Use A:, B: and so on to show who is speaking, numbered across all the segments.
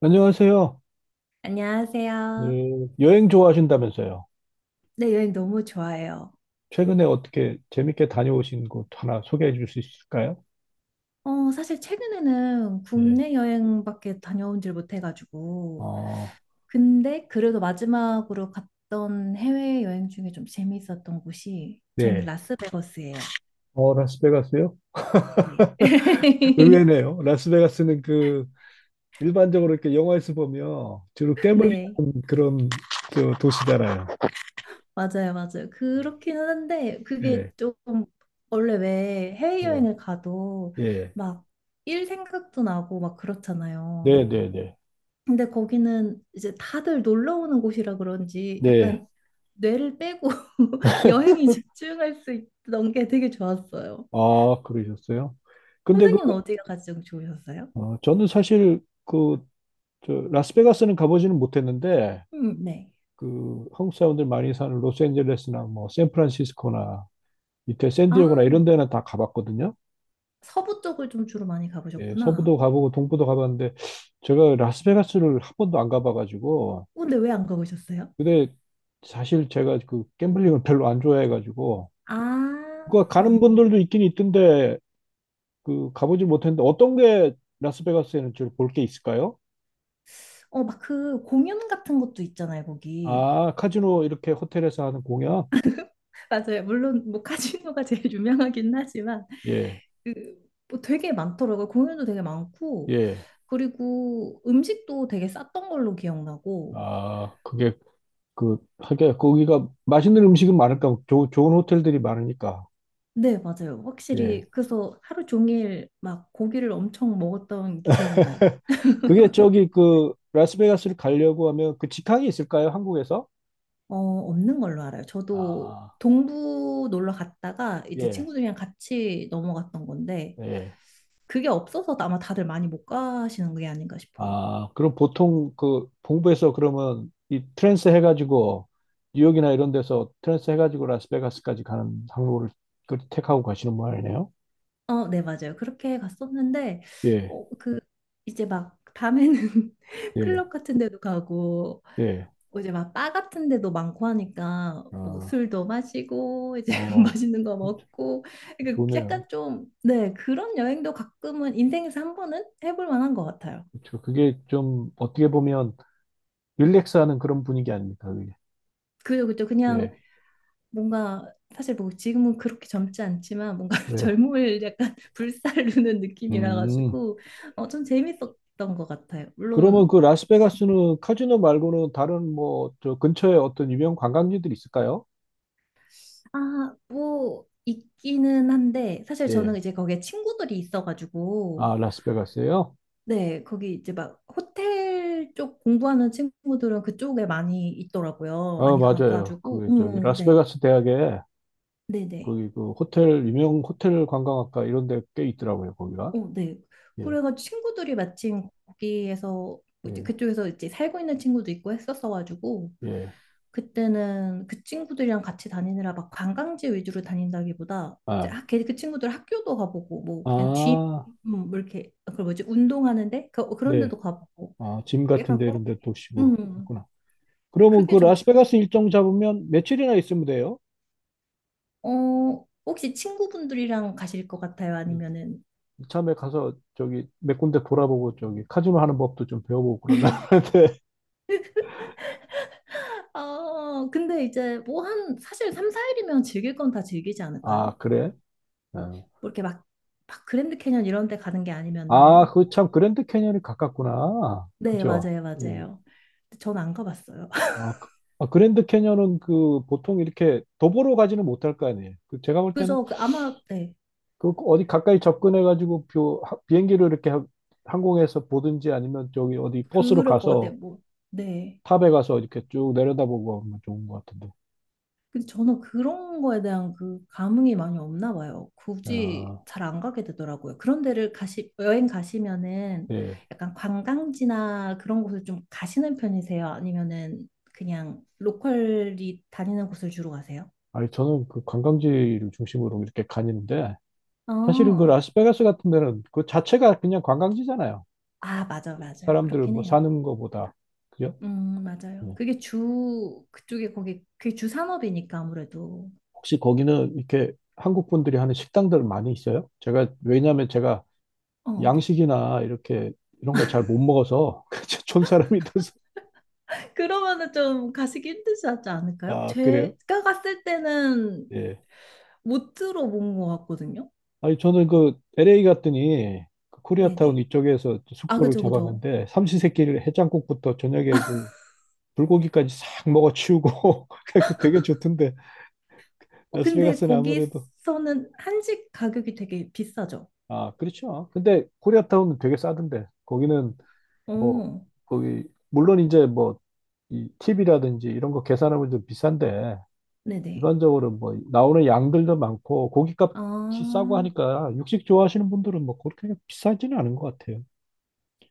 A: 안녕하세요.
B: 안녕하세요.
A: 네, 여행 좋아하신다면서요.
B: 네, 여행 너무 좋아해요.
A: 최근에 어떻게 재밌게 다녀오신 곳 하나 소개해 줄 수 있을까요?
B: 사실 최근에는
A: 네.
B: 국내 여행밖에 다녀온질 못해가지고.
A: 어,
B: 근데 그래도 마지막으로 갔던 해외 여행 중에 좀 재미있었던 곳이 저는
A: 네.
B: 라스베거스예요.
A: 어, 라스베가스요?
B: 네.
A: 의외네요. 라스베가스는 그 일반적으로 이렇게 영화에서 보면 주로 gambling
B: 네.
A: 하는 그런 그 도시잖아요.
B: 맞아요, 맞아요. 그렇긴 한데 그게
A: 예,
B: 좀 원래 왜
A: 예,
B: 해외여행을 가도
A: 예.
B: 막 일 생각도 나고 막 그렇잖아요.
A: 네, 네, 네. 네.
B: 근데 거기는 이제 다들 놀러 오는 곳이라 그런지
A: 네.
B: 약간 뇌를 빼고 여행이 집중할 수 있던 게 되게 좋았어요.
A: 아, 그러셨어요? 근데 그,
B: 선생님은 어디가 가장 좋으셨어요?
A: 어, 저는 사실 그, 저, 라스베가스는 가보지는 못했는데,
B: 네.
A: 그 한국 사람들 많이 사는 로스앤젤레스나 뭐 샌프란시스코나 밑에 샌디에고나
B: 아,
A: 이런 데는 다 가봤거든요.
B: 서부 쪽을 좀 주로 많이
A: 예,
B: 가보셨구나.
A: 서부도 가보고 동부도 가봤는데 제가 라스베가스를 한 번도 안 가봐가지고
B: 근데 왜 안 가보셨어요?
A: 근데 사실 제가 그 gambling 을 별로 안 좋아해가지고
B: 아,
A: 그 가는 분들도 있긴 있던데 그 가보질 못했는데 어떤 게 라스베가스에는 주로 볼 게 있을까요?
B: 막 그 공연 같은 것도 있잖아요, 거기.
A: 아, 카지노 이렇게 호텔에서 하는 공연?
B: 맞아요. 물론 뭐 카지노가 제일 유명하긴 하지만
A: 예,
B: 그, 뭐 되게 많더라고요. 공연도 되게 많고,
A: 예.
B: 그리고 음식도 되게 쌌던 걸로 기억나고.
A: 아 그게 그, 하게, 거기가 맛있는 음식은 많을까, 조, 좋은 호텔들이 많으니까.
B: 네, 맞아요. 확실히.
A: 예.
B: 그래서 하루 종일 막 고기를 엄청 먹었던 기억이 나요.
A: 그게 저기 그, 라스베가스를 가려고 하면 그 직항이 있을까요? 한국에서?
B: 없는 걸로 알아요. 저도
A: 아,
B: 동부 놀러 갔다가 이제
A: 예,
B: 친구들이랑 같이 넘어갔던 건데,
A: 예.
B: 그게 없어서 아마 다들 많이 못 가시는 게 아닌가 싶어요.
A: 아, 그럼 보통 그, 동부에서 그러면 이 트랜스 해가지고, 뉴욕이나 이런 데서 트랜스 해가지고 라스베가스까지 가는 항로를 그 택하고 가시는 모양이네요.
B: 어, 네, 맞아요. 그렇게 갔었는데,
A: 예,
B: 어, 그, 이제 막 밤에는
A: 예,
B: 클럽 같은 데도 가고
A: 예.
B: 뭐 이제 막 바 같은 데도 많고 하니까 뭐
A: 아,
B: 술도 마시고 이제
A: 어,
B: 맛있는 거 먹고 그러니까
A: 좋네요.
B: 약간 좀 네 그런 여행도 가끔은 인생에서 한 번은 해볼 만한 것 같아요.
A: 그쵸. 그게 좀 어떻게 보면 릴렉스하는 그런 분위기 아닙니까, 그게?
B: 그죠 그죠 그냥
A: 예,
B: 뭔가 사실 뭐 지금은 그렇게 젊지 않지만 뭔가
A: 예.
B: 젊음을 약간 불살르는 느낌이라
A: 음.
B: 가지고 좀 재밌었던 것 같아요.
A: 그러면
B: 물론
A: 그 라스베가스는 카지노 말고는 다른 뭐 저 근처에 어떤 유명 관광지들이 있을까요?
B: 아 뭐 있기는 한데 사실 저는
A: 예.
B: 이제 거기에 친구들이 있어가지고
A: 아, 라스베가스예요?
B: 네, 거기 이제 막 호텔 쪽 공부하는 친구들은 그쪽에 많이 있더라고요.
A: 아,
B: 많이
A: 맞아요.
B: 가가지고,
A: 그 저기
B: 네,
A: 라스베가스 대학에
B: 네, 네,
A: 거기 그 호텔 유명 호텔 관광학과 이런 데 꽤 있더라고요, 거기가.
B: 어, 네.
A: 예.
B: 그래가지고 친구들이 마침 거기에서 뭐 이제
A: 예.
B: 그쪽에서 이제 살고 있는 친구도 있고 했었어가지고
A: 예.
B: 그때는 그 친구들이랑 같이 다니느라 막 관광지 위주로 다닌다기보다 이제
A: 아.
B: 그 친구들 학교도 가보고 뭐 그냥 gym
A: 아,
B: 뭐 이렇게 그 뭐지 운동하는데 그런
A: 네.
B: 데도 가보고
A: 아, 짐 같은
B: 약간
A: 데
B: 그런
A: 이런 데도 쉬고
B: 음
A: 그랬구나. 그러면
B: 그게
A: 그
B: 좀.
A: 라스베가스 일정 잡으면 며칠이나 있으면 돼요?
B: 혹시 친구분들이랑 가실 것 같아요? 아니면은,
A: 이참에 가서 저기 몇 군데 돌아보고 저기 카지노 하는 법도 좀 배워보고 그러려고 하는데
B: 근데 이제 뭐 사실 3, 4일이면 즐길 건 다 즐기지
A: 아
B: 않을까요?
A: 그래? 어.
B: 뭐 이렇게 막 그랜드 캐년 이런 데 가는 게
A: 아,
B: 아니면은.
A: 그 참 그랜드 캐니언이 가깝구나.
B: 네,
A: 그죠?
B: 맞아요,
A: 예.
B: 맞아요. 전 안 가봤어요.
A: 아, 그, 아, 그랜드 캐니언은 그 보통 이렇게 도보로 가지는 못할 거 아니에요. 그 제가 볼 때는
B: 그죠? 아마, 네,
A: 그 어디 가까이 접근해 가지고 비행기로 이렇게 항공에서 보든지 아니면 저기 어디 버스로
B: 그럴 것 같아요.
A: 가서
B: 뭐, 네.
A: 탑에 가서 이렇게 쭉 내려다보고 하면 좋은 것 같은데.
B: 근데 저는 그런 거에 대한 그 감흥이 많이 없나 봐요. 굳이
A: 아,
B: 잘 안 가게 되더라고요. 그런 데를 여행 가시면은
A: 예.
B: 약간 관광지나 그런 곳을 좀 가시는 편이세요? 아니면은 그냥 로컬이 다니는 곳을 주로 가세요?
A: 아니, 저는 그 관광지를 중심으로 이렇게 가는데, 사실은 그
B: 어,
A: 라스베가스 같은 데는 그 자체가 그냥 관광지잖아요.
B: 아, 맞아, 맞아요.
A: 사람들
B: 그렇긴
A: 뭐
B: 해요.
A: 사는 거보다. 그죠?
B: 맞아요.
A: 예.
B: 그게 주 산업이니까 아무래도.
A: 혹시 거기는 이렇게 한국 분들이 하는 식당들 많이 있어요? 제가, 왜냐면 제가
B: 어, 네.
A: 양식이나 이렇게 이런 걸 잘 못 먹어서, 촌 사람이 돼서.
B: 그러면은 좀 가시기 힘들지 않지 않을까요?
A: 아, 그래요?
B: 제가 갔을 때는
A: 예.
B: 못 들어본 것 같거든요.
A: 아니, 저는 그 LA 갔더니, 그 코리아타운
B: 네네.
A: 이쪽에서
B: 아,
A: 숙소를
B: 그죠, 그죠.
A: 잡았는데, 삼시세끼를 해장국부터 저녁에 그 불고기까지 싹 먹어 치우고 그 되게 좋던데
B: 근데
A: 라스베가스는 아무래도
B: 거기서는 한식 가격이 되게 비싸죠.
A: 아, 그렇죠. 근데 코리아타운은 되게 싸던데 거기는 뭐
B: 어,
A: 거기 물론 이제 뭐이 팁이라든지 이런 거 계산하면 좀 비싼데
B: 네네.
A: 일반적으로 뭐 나오는 양들도 많고
B: 아,
A: 고기값이 싸고 하니까 육식 좋아하시는 분들은 뭐 그렇게 비싸지는 않은 것 같아요.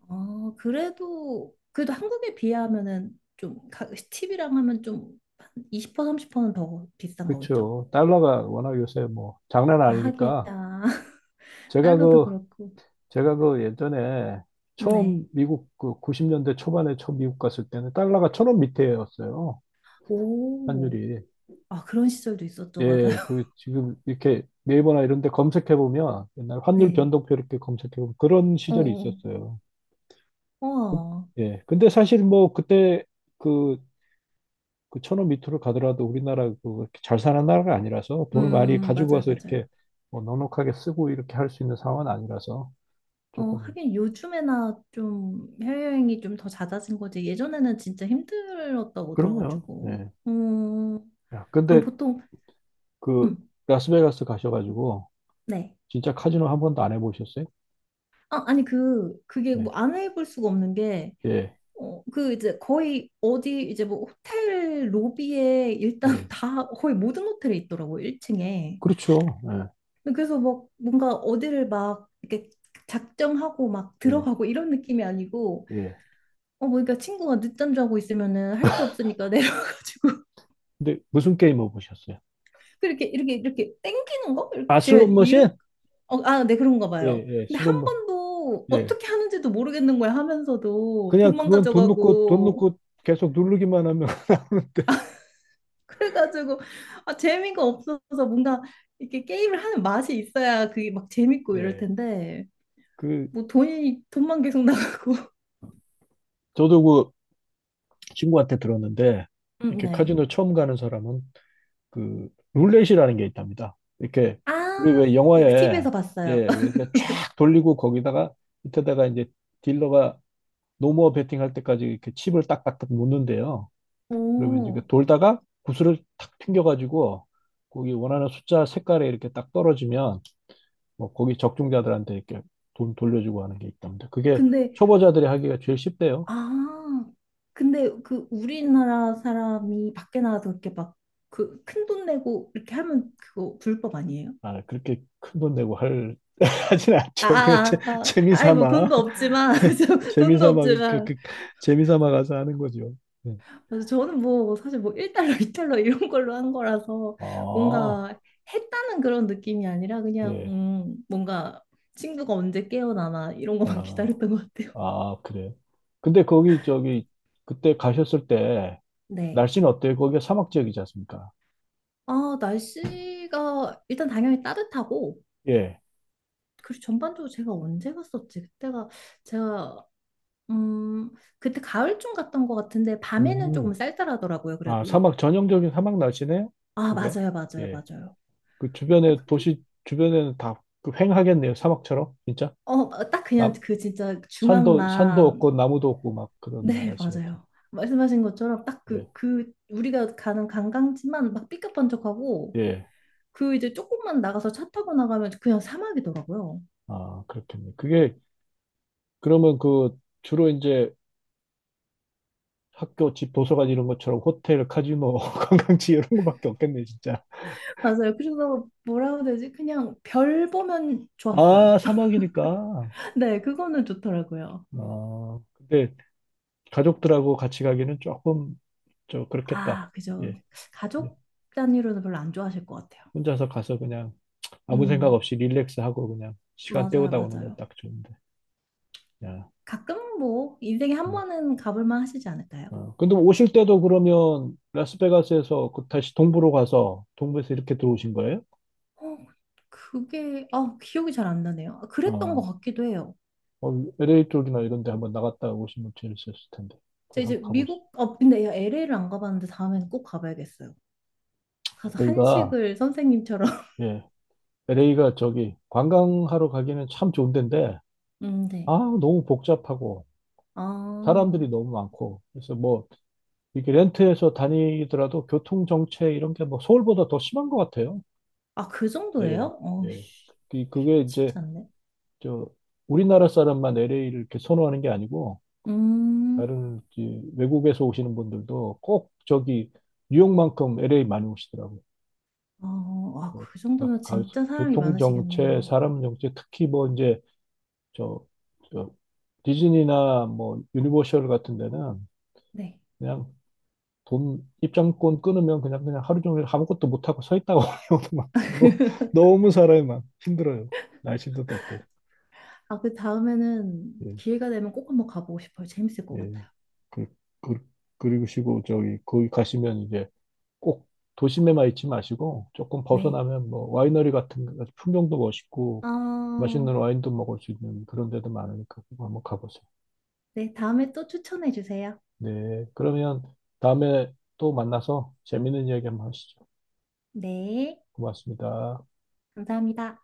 B: 아, 그래도 한국에 비하면은 좀, 팁이랑 하면 좀, 한 20% 30%는 더 비싼 거겠죠?
A: 그렇죠. 달러가 워낙 요새 뭐 장난
B: 아, 하기야.
A: 아니니까 제가
B: 달러도
A: 그
B: 그렇고.
A: 제가 그 예전에
B: 네.
A: 처음 미국 그 90년대 초반에 처음 미국 갔을 때는 달러가 천원 밑에였어요.
B: 오,
A: 환율이.
B: 아, 그런 시절도 있었죠. 맞아요.
A: 예, 그 지금 이렇게 네이버나 이런 데 검색해 보면 옛날 환율
B: 네.
A: 변동표 이렇게 검색해 보면 그런
B: 어,
A: 시절이
B: 어,
A: 있었어요.
B: 우와
A: 예. 근데 사실 뭐 그때 그, 그 천원 밑으로 가더라도 우리나라 그 이렇게 잘 사는 나라가 아니라서 돈을 많이 가지고
B: 맞아요,
A: 와서 이렇게
B: 맞아요.
A: 뭐 넉넉하게 쓰고 이렇게 할 수 있는 상황은 아니라서 조금
B: 하긴 요즘에나 좀 해외여행이 좀 더 잦아진 거지. 예전에는 진짜 힘들었다고
A: 그럼요.
B: 들어가지고.
A: 예.
B: 음,
A: 야,
B: 그럼
A: 근데
B: 보통,
A: 그
B: 음,
A: 라스베가스 가셔가지고
B: 네.
A: 진짜 카지노 한 번도 안 해보셨어요?
B: 아, 아니, 그게
A: 예,
B: 뭐 안 해볼 수가 없는 게,
A: 예,
B: 그 이제 거의 어디 이제 뭐 호텔 로비에 일단
A: 예.
B: 다 거의 모든 호텔에 있더라고요, 1층에.
A: 그렇죠.
B: 그래서 막 뭔가 어디를 막 이렇게 작정하고 막
A: 예,
B: 들어가고 이런 느낌이 아니고,
A: 예, 예.
B: 뭐, 그러니까 친구가 늦잠 자고 있으면은 할 게 없으니까 내려가지고.
A: 근데 무슨 게임 해보셨어요?
B: 그렇게 이렇게 땡기는 거? 이렇게
A: 아,
B: 제가
A: 슬롯 머신?
B: 이런 아, 네 그런가
A: 예,
B: 봐요.
A: 예,
B: 근데
A: 슬롯
B: 한
A: 머신.
B: 번도
A: 예.
B: 어떻게 하는지도 모르겠는 거야 하면서도
A: 그냥
B: 돈만
A: 그건 돈 넣고 돈
B: 가져가고
A: 넣고 계속 누르기만 하면 나오는데.
B: 그래가지고 아, 재미가 없어서 뭔가 이렇게 게임을 하는 맛이 있어야 그게 막 재밌고 이럴
A: 예.
B: 텐데
A: 그
B: 뭐 돈이 돈만 계속 나가고.
A: 저도 그 친구한테 들었는데 이렇게
B: 네.
A: 카지노 처음 가는 사람은 그 룰렛이라는 게 있답니다. 이렇게 우리
B: 아,
A: 왜 영화에
B: TV에서
A: 예,
B: 봤어요.
A: 이렇게 쫙 돌리고 거기다가 밑에다가 이제 딜러가 노모어 베팅 할 때까지 이렇게 칩을 딱딱딱 놓는데요. 그러면 이제 그
B: 오,
A: 돌다가 구슬을 탁 튕겨가지고 거기 원하는 숫자 색깔에 이렇게 딱 떨어지면 뭐 거기 적중자들한테 이렇게 돈 돌려주고 하는 게 있답니다. 그게
B: 근데
A: 초보자들이 하기가 제일 쉽대요.
B: 아, 근데 그 우리나라 사람이 밖에 나가서 그렇게 막 그 큰 돈 내고 이렇게 하면 그거 불법 아니에요?
A: 아, 그렇게 큰 돈 내고 할, 하진
B: 아,
A: 않죠. 그냥 재,
B: 아, 아, 아, 아이 뭐
A: 재미삼아.
B: 돈도 없지만 저 돈도
A: 재미삼아 그, 그
B: 없지만
A: 그 재미삼아 가서 하는 거죠. 네.
B: 그래서 저는 뭐 사실 뭐 1달러, 2달러 이런 걸로 한 거라서
A: 아,
B: 뭔가 했다는 그런 느낌이 아니라 그냥
A: 예.
B: 뭔가 친구가 언제 깨어나나 이런 것만
A: 아,
B: 기다렸던 것 같아요.
A: 아, 그래. 근데 거기 저기 그때 가셨을 때
B: 네.
A: 날씨는 어때요? 거기가 사막 지역이지 않습니까?
B: 아, 날씨가 일단 당연히 따뜻하고
A: 예.
B: 그리고 전반적으로 제가 언제 갔었지? 그때가 제가 음 그때 가을쯤 갔던 것 같은데 밤에는 조금
A: 음.
B: 쌀쌀하더라고요.
A: 아,
B: 그래도
A: 사막 전형적인 사막 날씨네요?
B: 아
A: 그게?
B: 맞아요, 맞아요,
A: 예.
B: 맞아요.
A: 그 주변에
B: 근데
A: 도시 주변에는 다그 휑하겠네요. 사막처럼 진짜?
B: 딱 그냥
A: 남
B: 그 진짜
A: 산도
B: 중앙만
A: 없고 나무도 없고 막 그런
B: 네
A: 날씨 같은.
B: 맞아요. 말씀하신 것처럼 딱
A: 예.
B: 그 우리가 가는 관광지만 막 삐까뻔쩍하고
A: 예.
B: 그 이제 조금만 나가서 차 타고 나가면 그냥 사막이더라고요.
A: 아, 그렇겠네. 그게 그러면 그 주로 이제 학교 집 도서관 이런 것처럼 호텔, 카지노, 관광지 이런 거밖에 없겠네, 진짜.
B: 맞아요. 그래서 뭐라고 해야 되지? 그냥 별 보면
A: 아,
B: 좋았어요.
A: 사막이니까.
B: 네, 그거는 좋더라고요.
A: 아, 근데 가족들하고 같이 가기는 조금 저 그렇겠다.
B: 아, 그죠.
A: 예. 예.
B: 가족 단위로는 별로 안 좋아하실 것 같아요.
A: 혼자서 가서 그냥 아무 생각
B: 음,
A: 없이 릴렉스하고 그냥 시간
B: 맞아요,
A: 때우다 오는 건
B: 맞아요.
A: 딱 좋은데. 야.
B: 가끔 뭐 인생에 한
A: 음.
B: 번은 가볼 만 하시지 않을까요?
A: 어. 근데 오실 때도 그러면 라스베가스에서 그 다시 동부로 가서 동부에서 이렇게 들어오신 거예요?
B: 어, 그게 아, 기억이 잘 안 나네요. 아, 그랬던 것
A: 아,
B: 같기도 해요.
A: 어, LA 쪽이나 이런 데 한번 나갔다 오시면 재밌었을 텐데. 거기
B: 제가 이제
A: 한번 가보시죠.
B: 미국 근데 LA를 안 가봤는데 다음에는 꼭 가봐야겠어요. 가서
A: LA가,
B: 한식을 선생님처럼.
A: 예, LA가 저기 관광하러 가기는 참 좋은 데인데, 아,
B: 네.
A: 너무 복잡하고, 사람들이
B: 아,
A: 너무 많고, 그래서 뭐, 이렇게 렌트해서 다니더라도 교통 정체 이런 게 뭐 서울보다 더 심한 것 같아요.
B: 아, 그
A: 예,
B: 정도예요?
A: 예.
B: 씨,
A: 그게 이제,
B: 쉽지 않네.
A: 저, 우리나라 사람만 LA를 이렇게 선호하는 게 아니고,
B: 음,
A: 다른 이제 외국에서 오시는 분들도 꼭 저기 뉴욕만큼 LA 많이 오시더라고요.
B: 아, 그
A: 각
B: 정도면
A: 갈-
B: 진짜 사람이
A: 교통 정체,
B: 많으시겠네요.
A: 사람 정체, 특히 뭐 이제 저, 저 디즈니나 뭐 유니버셜 같은 데는
B: 네.
A: 그냥 돈 입장권 끊으면 그냥 그냥 하루 종일 아무것도 못 하고 서 있다가 오는 경우도 많고 뭐 너무 사람이 많 힘들어요. 날씨도 덥고
B: 아, 그 다음에는
A: 예,
B: 기회가 되면 꼭 한번 가보고 싶어요. 재밌을 것
A: 예.
B: 같아요.
A: 그, 그, 그리고 시고 저기 거기 가시면 이제 꼭 도심에만 있지 마시고 조금
B: 네.
A: 벗어나면 뭐 와이너리 같은 거, 풍경도 멋있고
B: 어,
A: 맛있는 와인도 먹을 수 있는 그런 데도 많으니까 꼭 한번 가보세요.
B: 네, 다음에 또 추천해 주세요.
A: 네, 그러면 다음에 또 만나서 재밌는 이야기 한번 하시죠.
B: 네,
A: 고맙습니다.
B: 감사합니다.